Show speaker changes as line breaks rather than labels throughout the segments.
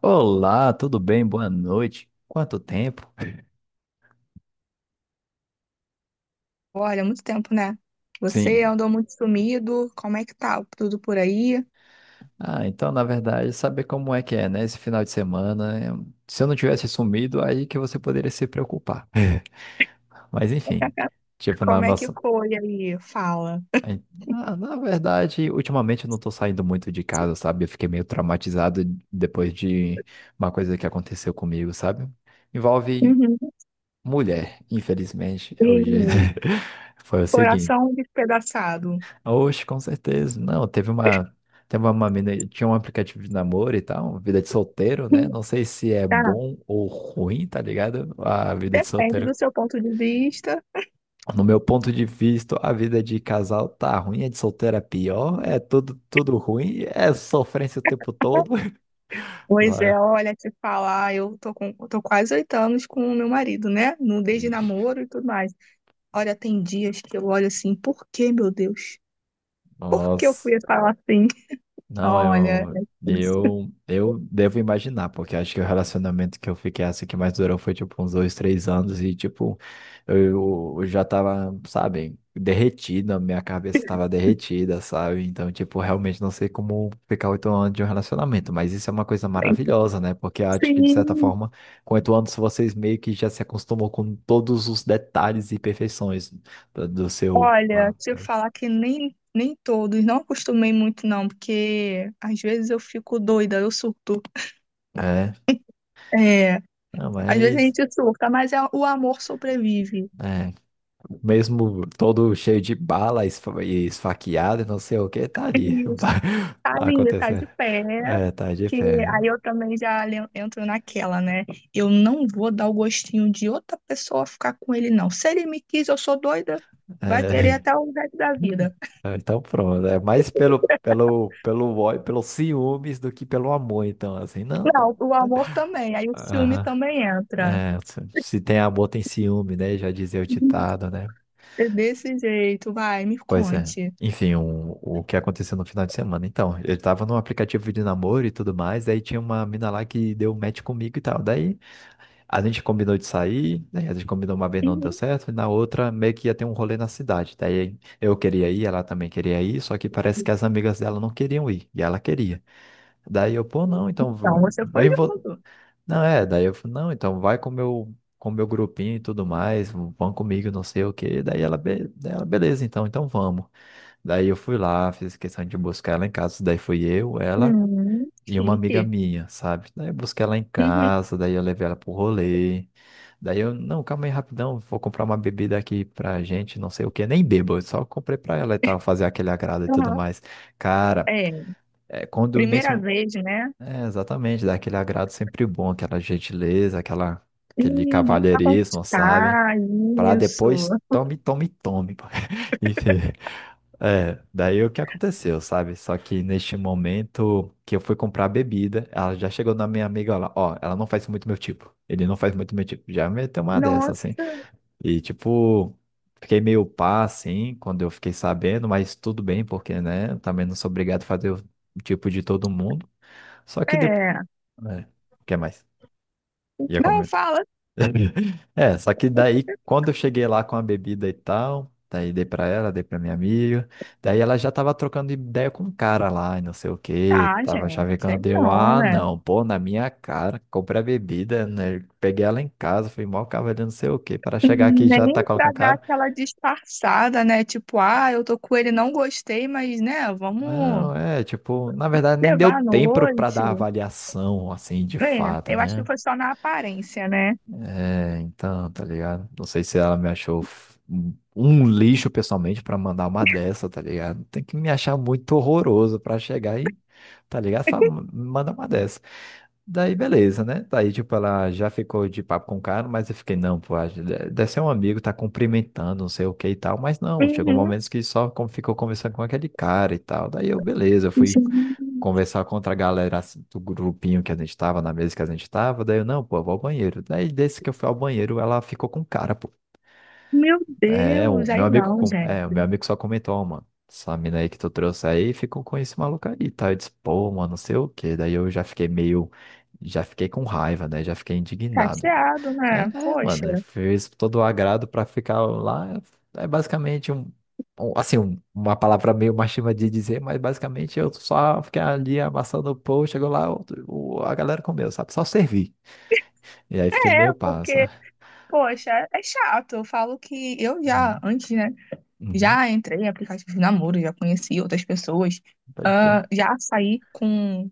Olá, tudo bem? Boa noite. Quanto tempo?
Olha, muito tempo, né? Você
Sim.
andou muito sumido. Como é que tá tudo por aí?
Ah, então, na verdade, saber como é que é, né? Esse final de semana, se eu não tivesse sumido, aí que você poderia se preocupar. Mas, enfim, tipo, na
Como é que
nossa.
foi aí? Fala.
aí- Ah, na verdade, ultimamente eu não tô saindo muito de casa, sabe? Eu fiquei meio traumatizado depois de uma coisa que aconteceu comigo, sabe? Envolve
Uhum.
mulher, infelizmente, é o
Ih,
jeito. Foi o seguinte.
coração despedaçado.
Oxe, com certeza. Não, teve uma. Teve uma mina, tinha um aplicativo de namoro e tal, vida de solteiro, né?
Hum.
Não sei se é
Tá.
bom ou ruim, tá ligado? A vida de
Depende do
solteiro.
seu ponto de vista.
No meu ponto de vista, a vida de casal tá ruim, a de solteiro é pior, é tudo, tudo ruim, é sofrência o tempo todo.
Pois é,
Lá.
olha, te falar, eu tô quase 8 anos com o meu marido, né? No, desde
Ixi.
namoro e tudo mais. Olha, tem dias que eu olho assim, por que, meu Deus? Por que eu
Nossa.
fui falar assim?
Não,
Olha, é
eu,
difícil.
eu, eu devo imaginar, porque acho que o relacionamento que eu fiquei assim que mais durou foi tipo uns dois, três anos e tipo, eu já tava, sabe, derretida, minha cabeça tava derretida, sabe? Então, tipo, realmente não sei como ficar oito anos de um relacionamento, mas isso é uma coisa maravilhosa, né? Porque eu acho que de certa
Sim.
forma, com oito anos vocês meio que já se acostumam com todos os detalhes e perfeições do seu. Ah,
Olha, se eu
cara.
falar que nem todos, não acostumei muito não, porque às vezes eu fico doida, eu surto.
É,
É,
não,
às vezes a
mas.
gente surta, mas o amor sobrevive.
É. Mesmo todo cheio de bala e esfaqueado e não sei o que, tá ali.
E tá
Tá
linda, tá
acontecendo.
de pé,
É, tá de
que
fé.
aí eu também já entro naquela, né? Eu não vou dar o gostinho de outra pessoa ficar com ele, não. Se ele me quis, eu sou doida, vai querer
É.
até o resto da vida.
Ah, então pronto, é mais pelo ódio, pelos ciúmes do que pelo amor, então, assim, não,
Não,
não.
o amor também, aí o ciúme
Aham.
também entra.
É, se tem amor, tem ciúme, né? Já dizia o ditado, né?
É desse jeito, vai, me
Pois é.
conte.
Enfim, o que aconteceu no final de semana. Então, eu tava num aplicativo de namoro e tudo mais, daí tinha uma mina lá que deu match comigo e tal. Daí a gente combinou de sair, né? A gente combinou uma vez não deu
Uhum.
certo, e na outra meio que ia ter um rolê na cidade. Daí eu queria ir, ela também queria ir, só que parece que as amigas dela não queriam ir, e ela queria. Daí eu, pô, não, então
Então, você foi
vem vo...
junto.
Não, é, daí eu, falei, não, então vai com meu grupinho e tudo mais, vão comigo, não sei o quê. Daí ela, daí ela, beleza, então, então vamos. Daí eu fui lá, fiz questão de buscar ela em casa, daí fui eu, ela
Uhum,
e uma amiga
chique.
minha, sabe? Daí eu busquei ela em
Uhum,
casa, daí eu levei ela pro rolê. Daí eu, não, calma aí rapidão, vou comprar uma bebida aqui pra gente, não sei o que, nem bebo, eu só comprei pra ela e tal, fazer aquele agrado e tudo
aham.
mais. Cara,
É,
é quando nesse.
primeira vez, né?
É, exatamente, dá aquele agrado sempre bom, aquela gentileza, aquela, aquele
Uhum, pra
cavalheirismo, sabe?
conquistar,
Pra
isso.
depois tome, tome, tome. Pô. Enfim, é, daí o que aconteceu, sabe? Só que neste momento que eu fui comprar a bebida, ela já chegou na minha amiga, ela, ó, ela não faz muito meu tipo. Ele não faz muito meu tipo. Já meteu uma dessa,
Nossa,
assim. E, tipo, fiquei meio pá, assim, quando eu fiquei sabendo, mas tudo bem, porque, né, eu também não sou obrigado a fazer o tipo de todo mundo. Só que depois.
é.
É, quer mais? Ia
Não,
comentar.
fala,
É, só que daí, quando eu cheguei lá com a bebida e tal, daí dei pra ela, dei pra minha amiga, daí ela já tava trocando ideia com um cara lá e não sei o quê,
tá,
tava
gente. Aí
chavecando, eu,
não,
ah,
né?
não, pô, na minha cara, comprei a bebida, né, peguei ela em casa, fui mal cavaleiro, não sei o que para chegar aqui e já tá
Nem
com o
pra dar
cara.
aquela disfarçada, né? Tipo, ah, eu tô com ele, não gostei, mas, né, vamos
Não, é, tipo, na verdade nem deu
levar à
tempo pra
noite.
dar avaliação, assim, de
É,
fato,
eu acho que
né?
foi só na aparência, né?
É, então, tá ligado? Não sei se ela me achou um um lixo pessoalmente pra mandar uma dessa, tá ligado? Tem que me achar muito horroroso pra chegar e, tá ligado? Fala, manda uma dessa. Daí, beleza, né? Daí, tipo, ela já ficou de papo com o cara, mas eu fiquei, não, pô, deve ser um amigo, tá cumprimentando, não sei o que e tal, mas não, chegou
Uhum.
momentos que só como ficou conversando com aquele cara e tal. Daí eu, beleza,
Gente,
fui conversar contra a galera assim, do grupinho que a gente tava, na mesa que a gente tava, daí eu, não, pô, eu vou ao banheiro. Daí desse que eu fui ao banheiro, ela ficou com o cara, pô.
meu
É, o
Deus,
meu
aí
amigo,
não,
o meu
gente.
amigo só comentou, ó, mano, essa mina aí que tu trouxe aí ficou com esse maluco aí, tá? Eu disse, pô, mano, não sei o quê. Daí eu já fiquei meio, já fiquei com raiva, né? Já fiquei indignado.
Chateado,
É,
né?
é,
Poxa,
mano, ele fez todo o agrado pra ficar lá. É basicamente uma palavra meio machista de dizer, mas basicamente eu só fiquei ali amassando o pão, chegou lá, a galera comeu, sabe? Só servi. E aí fiquei meio
é,
passa.
porque, poxa, é chato. Eu falo que eu já,
Uhum.
antes, né?
Uhum.
Já entrei em aplicativos de namoro, já conheci outras pessoas,
Pode crer.
ah, já saí com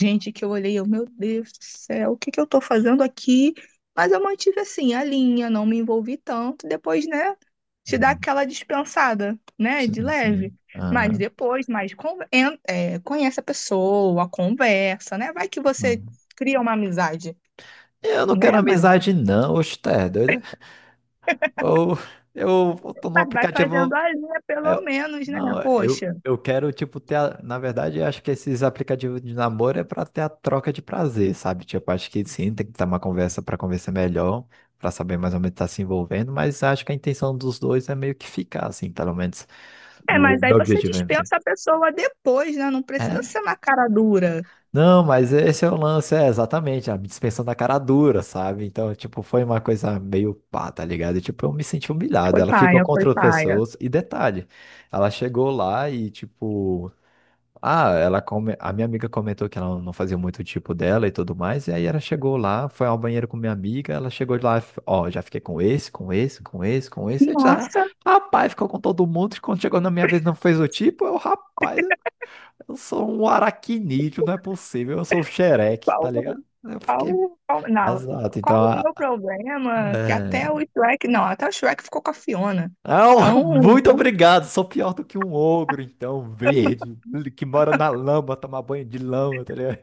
gente, que eu olhei, eu, meu Deus do céu, o que que eu tô fazendo aqui? Mas eu mantive assim a linha, não me envolvi tanto. Depois, né, te dá
Uhum.
aquela dispensada, né, de
Sim,
leve.
sim.
Mas
Aham.
depois, mais conhece a pessoa, conversa, né? Vai que você
Uhum.
cria uma amizade,
Eu não quero
né?
amizade, não, oxe, tá é doido? É? Ou eu tô num
Mas vai fazendo
aplicativo.
a linha
É,
pelo menos, né?
não, eu,
Poxa.
eu quero, tipo, ter. Na verdade, eu acho que esses aplicativos de namoro é pra ter a troca de prazer, sabe? Tipo, acho que sim, tem que ter uma conversa pra conversar melhor, pra saber mais ou menos estar se envolvendo, mas acho que a intenção dos dois é meio que ficar, assim, pelo menos.
É,
O
mas aí
meu
você
objetivo é. Ficar.
dispensa a pessoa depois, né? Não precisa
É.
ser na cara dura.
Não, mas esse é o lance, é exatamente, a dispensa da cara dura, sabe? Então, tipo, foi uma coisa meio pá, tá ligado? E, tipo, eu me senti humilhado.
Foi
Ela ficou
paia, foi
contra outras
paia.
pessoas. E detalhe, ela chegou lá e, tipo. Ah, a minha amiga comentou que ela não fazia muito o tipo dela e tudo mais, e aí ela chegou lá, foi ao banheiro com minha amiga, ela chegou lá, ó, já fiquei com esse eu disse, ah,
Nossa,
rapaz, ficou com todo mundo, e quando chegou na minha vez não fez o tipo, eu, rapaz, eu sou um aracnídeo, não é possível, eu sou o xereque, tá
qual.
ligado? Eu
Qual,
fiquei,
não,
exato,
qual
então,
o meu
ah,
problema? Que
é...
até o Shrek, não, até o Shrek ficou com a Fiona.
Ah,
Então,
muito obrigado, sou pior do que um ogro, então, verde, que mora na lama, tomar banho de lama, tá ligado?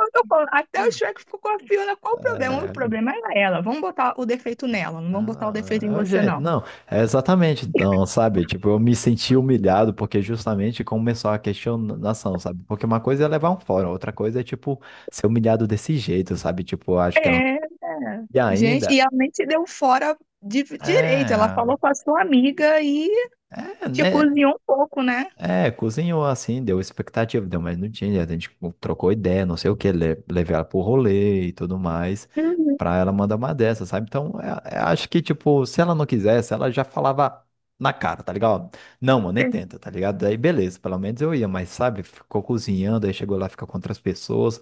eu tô falando, até o Shrek ficou com a Fiona, qual o problema? O
É,
problema é ela. Vamos botar o defeito nela, não vamos botar o defeito em
ah, é,
você,
gente,
não.
não, é exatamente, então, sabe? Tipo, eu me senti humilhado porque justamente começou a questionação, sabe? Porque uma coisa é levar um fora, outra coisa é, tipo, ser humilhado desse jeito, sabe? Tipo, eu acho que ela.
É, é,
E
gente,
ainda.
e ela nem deu fora de direito. Ela
É,
falou com a sua amiga e
é,
te
né?
cozinhou um pouco, né?
É, cozinhou assim, deu expectativa, deu mas não tinha. A gente trocou ideia, não sei o que, le levei ela pro rolê e tudo mais,
Uhum.
pra ela mandar uma dessa, sabe? Então, é, acho que, tipo, se ela não quisesse, ela já falava na cara, tá ligado? Não, mano, nem
É,
tenta, tá ligado? Daí, beleza, pelo menos eu ia, mas, sabe, ficou cozinhando, aí chegou lá, fica com outras pessoas.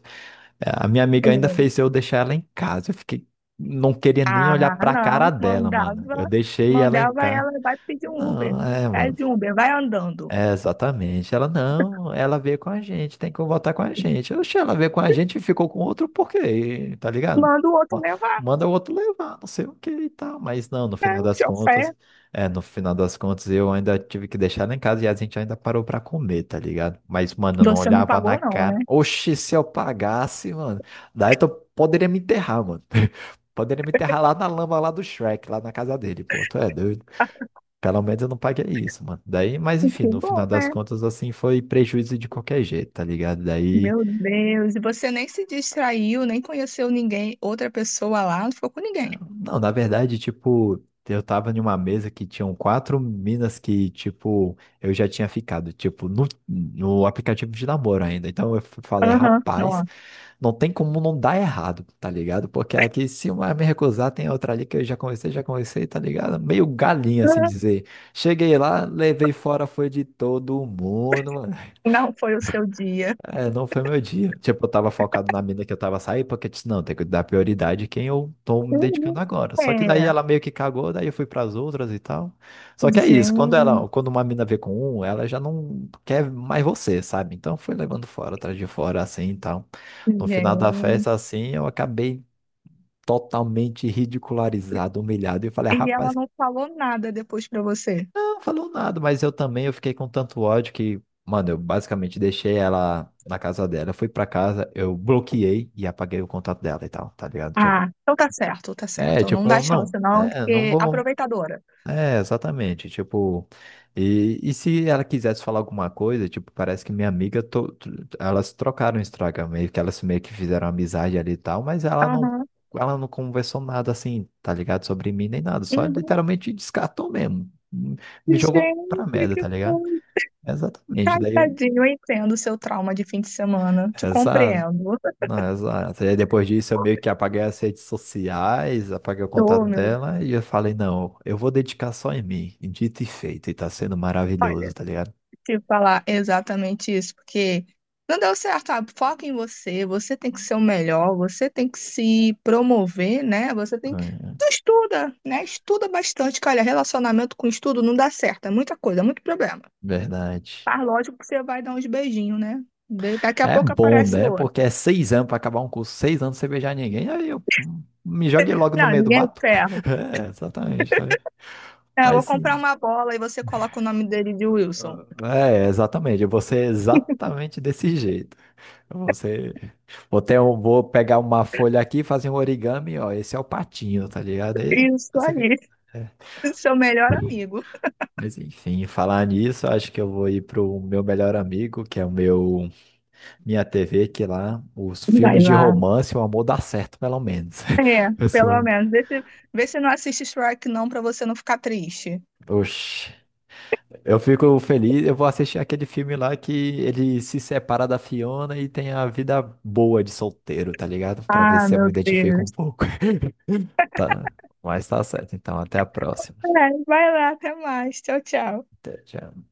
É, a minha amiga ainda
é.
fez eu deixar ela em casa, eu fiquei, não queria nem
Ah,
olhar pra cara
não,
dela, mano. Eu
mandava,
deixei ela em
mandava
casa.
ela, vai pedir um Uber.
Não, é, mano.
Pede um Uber, vai andando.
É, exatamente. Ela não, ela veio com a gente, tem que voltar com a gente. Oxe, ela veio com a gente e ficou com outro por quê? Tá ligado?
Manda o outro
Ma-
levar,
Manda o outro levar, não sei o que e tal. Mas não, no
né?
final das
Te
contas,
oferta.
é, no final das contas eu ainda tive que deixar ela em casa e a gente ainda parou pra comer, tá ligado? Mas, mano, eu não
Você não
olhava na
pagou, não, né?
cara. Oxe, se eu pagasse, mano, daí tu poderia me enterrar, mano. Poderia me enterrar lá na lama lá do Shrek, lá na casa dele, pô, tu é doido. Pelo menos eu não paguei isso, mano. Daí, mas enfim,
Que
no
bom,
final das
né?
contas, assim, foi prejuízo de qualquer jeito, tá ligado? Daí,
Meu Deus. E você nem se distraiu, nem conheceu ninguém, outra pessoa lá, não ficou com ninguém.
não, na verdade, tipo, eu tava em uma mesa que tinham quatro minas que, tipo, eu já tinha ficado, tipo, no aplicativo de namoro ainda. Então eu falei,
Aham, não.
rapaz,
Aham.
não tem como não dar errado, tá ligado? Porque aqui, se uma me recusar, tem outra ali que já conversei, tá ligado? Meio galinha, assim dizer. Cheguei lá, levei fora, foi de todo mundo, mano.
Não foi o seu dia.
É, não foi meu dia. Tipo, eu tava focado na mina que eu tava saindo, porque eu disse, não, tem que dar prioridade a quem eu tô me
Uhum.
dedicando agora. Só que daí
É,
ela meio que cagou, daí eu fui pras outras e tal. Só que é isso,
gente,
quando uma mina vê com um, ela já não quer mais você, sabe? Então foi levando fora, atrás de fora, assim e tal. No final da
gente.
festa, assim, eu acabei totalmente ridicularizado, humilhado, e eu falei, "Ah,
E ela
rapaz,
não falou nada depois pra você.
não falou nada, mas eu também eu fiquei com tanto ódio que, mano, eu basicamente deixei ela na casa dela. Eu fui pra casa, eu bloqueei e apaguei o contato dela e tal, tá ligado? Tipo,
Ah, então tá certo, tá
é,
certo. Não
tipo,
dá
eu não,
chance, não,
é, não
porque
vou.
aproveitadora.
É, exatamente, tipo, e se ela quisesse falar alguma coisa, tipo, parece que minha amiga, elas trocaram o Instagram, meio que elas meio que fizeram amizade ali e tal, mas
Aham.
ela não conversou nada assim, tá ligado, sobre mim nem nada, só
Uhum.
literalmente descartou mesmo, me jogou pra
Gente,
merda,
que
tá ligado?
coisa.
Exatamente,
Ai,
daí eu,
tadinho, eu entendo o seu trauma de fim de semana. Te compreendo.
não, exato. E aí depois disso eu meio que apaguei as redes sociais, apaguei o contato
Eu, meu,
dela e eu falei, não, eu vou dedicar só em mim. E dito e feito, e tá sendo maravilhoso, tá ligado?
te falar exatamente isso, porque não deu certo, sabe? Foca em você, você tem que ser o melhor, você tem que se promover, né? Você tem que.
É,
Tu estuda, né? Estuda bastante, que olha, relacionamento com estudo não dá certo, é muita coisa, é muito problema.
verdade.
Mas lógico que você vai dar uns beijinhos, né? Daqui a
É
pouco
bom,
aparece
né? Porque
outra.
é seis anos pra acabar um curso, seis anos sem beijar ninguém, aí eu me joguei logo no
Não,
meio do
ninguém é de
mato.
ferro.
É, exatamente, tá ligado?
É, eu
Mas
vou comprar
sim.
uma bola e você coloca o nome dele de Wilson.
É, exatamente. Eu vou ser exatamente desse jeito. Você... ter vou pegar uma folha aqui fazer um origami, ó. Esse é o patinho, tá ligado?
Isso aí.
É.
Seu melhor amigo.
Mas enfim, falar nisso, acho que eu vou ir pro meu melhor amigo, que é o meu minha TV, que lá os
Vai
filmes de
lá.
romance, o amor dá certo, pelo menos.
É,
Assim,
pelo menos. Vê se não assiste Shrek, não, pra você não ficar triste.
oxi. Eu fico feliz, eu vou assistir aquele filme lá que ele se separa da Fiona e tem a vida boa de solteiro, tá ligado? Pra ver
Ah,
se eu me
meu
identifico um
Deus.
pouco. Tá, mas tá certo. Então, até a próxima.
É, vai lá, até mais. Tchau, tchau.
Até, tchau.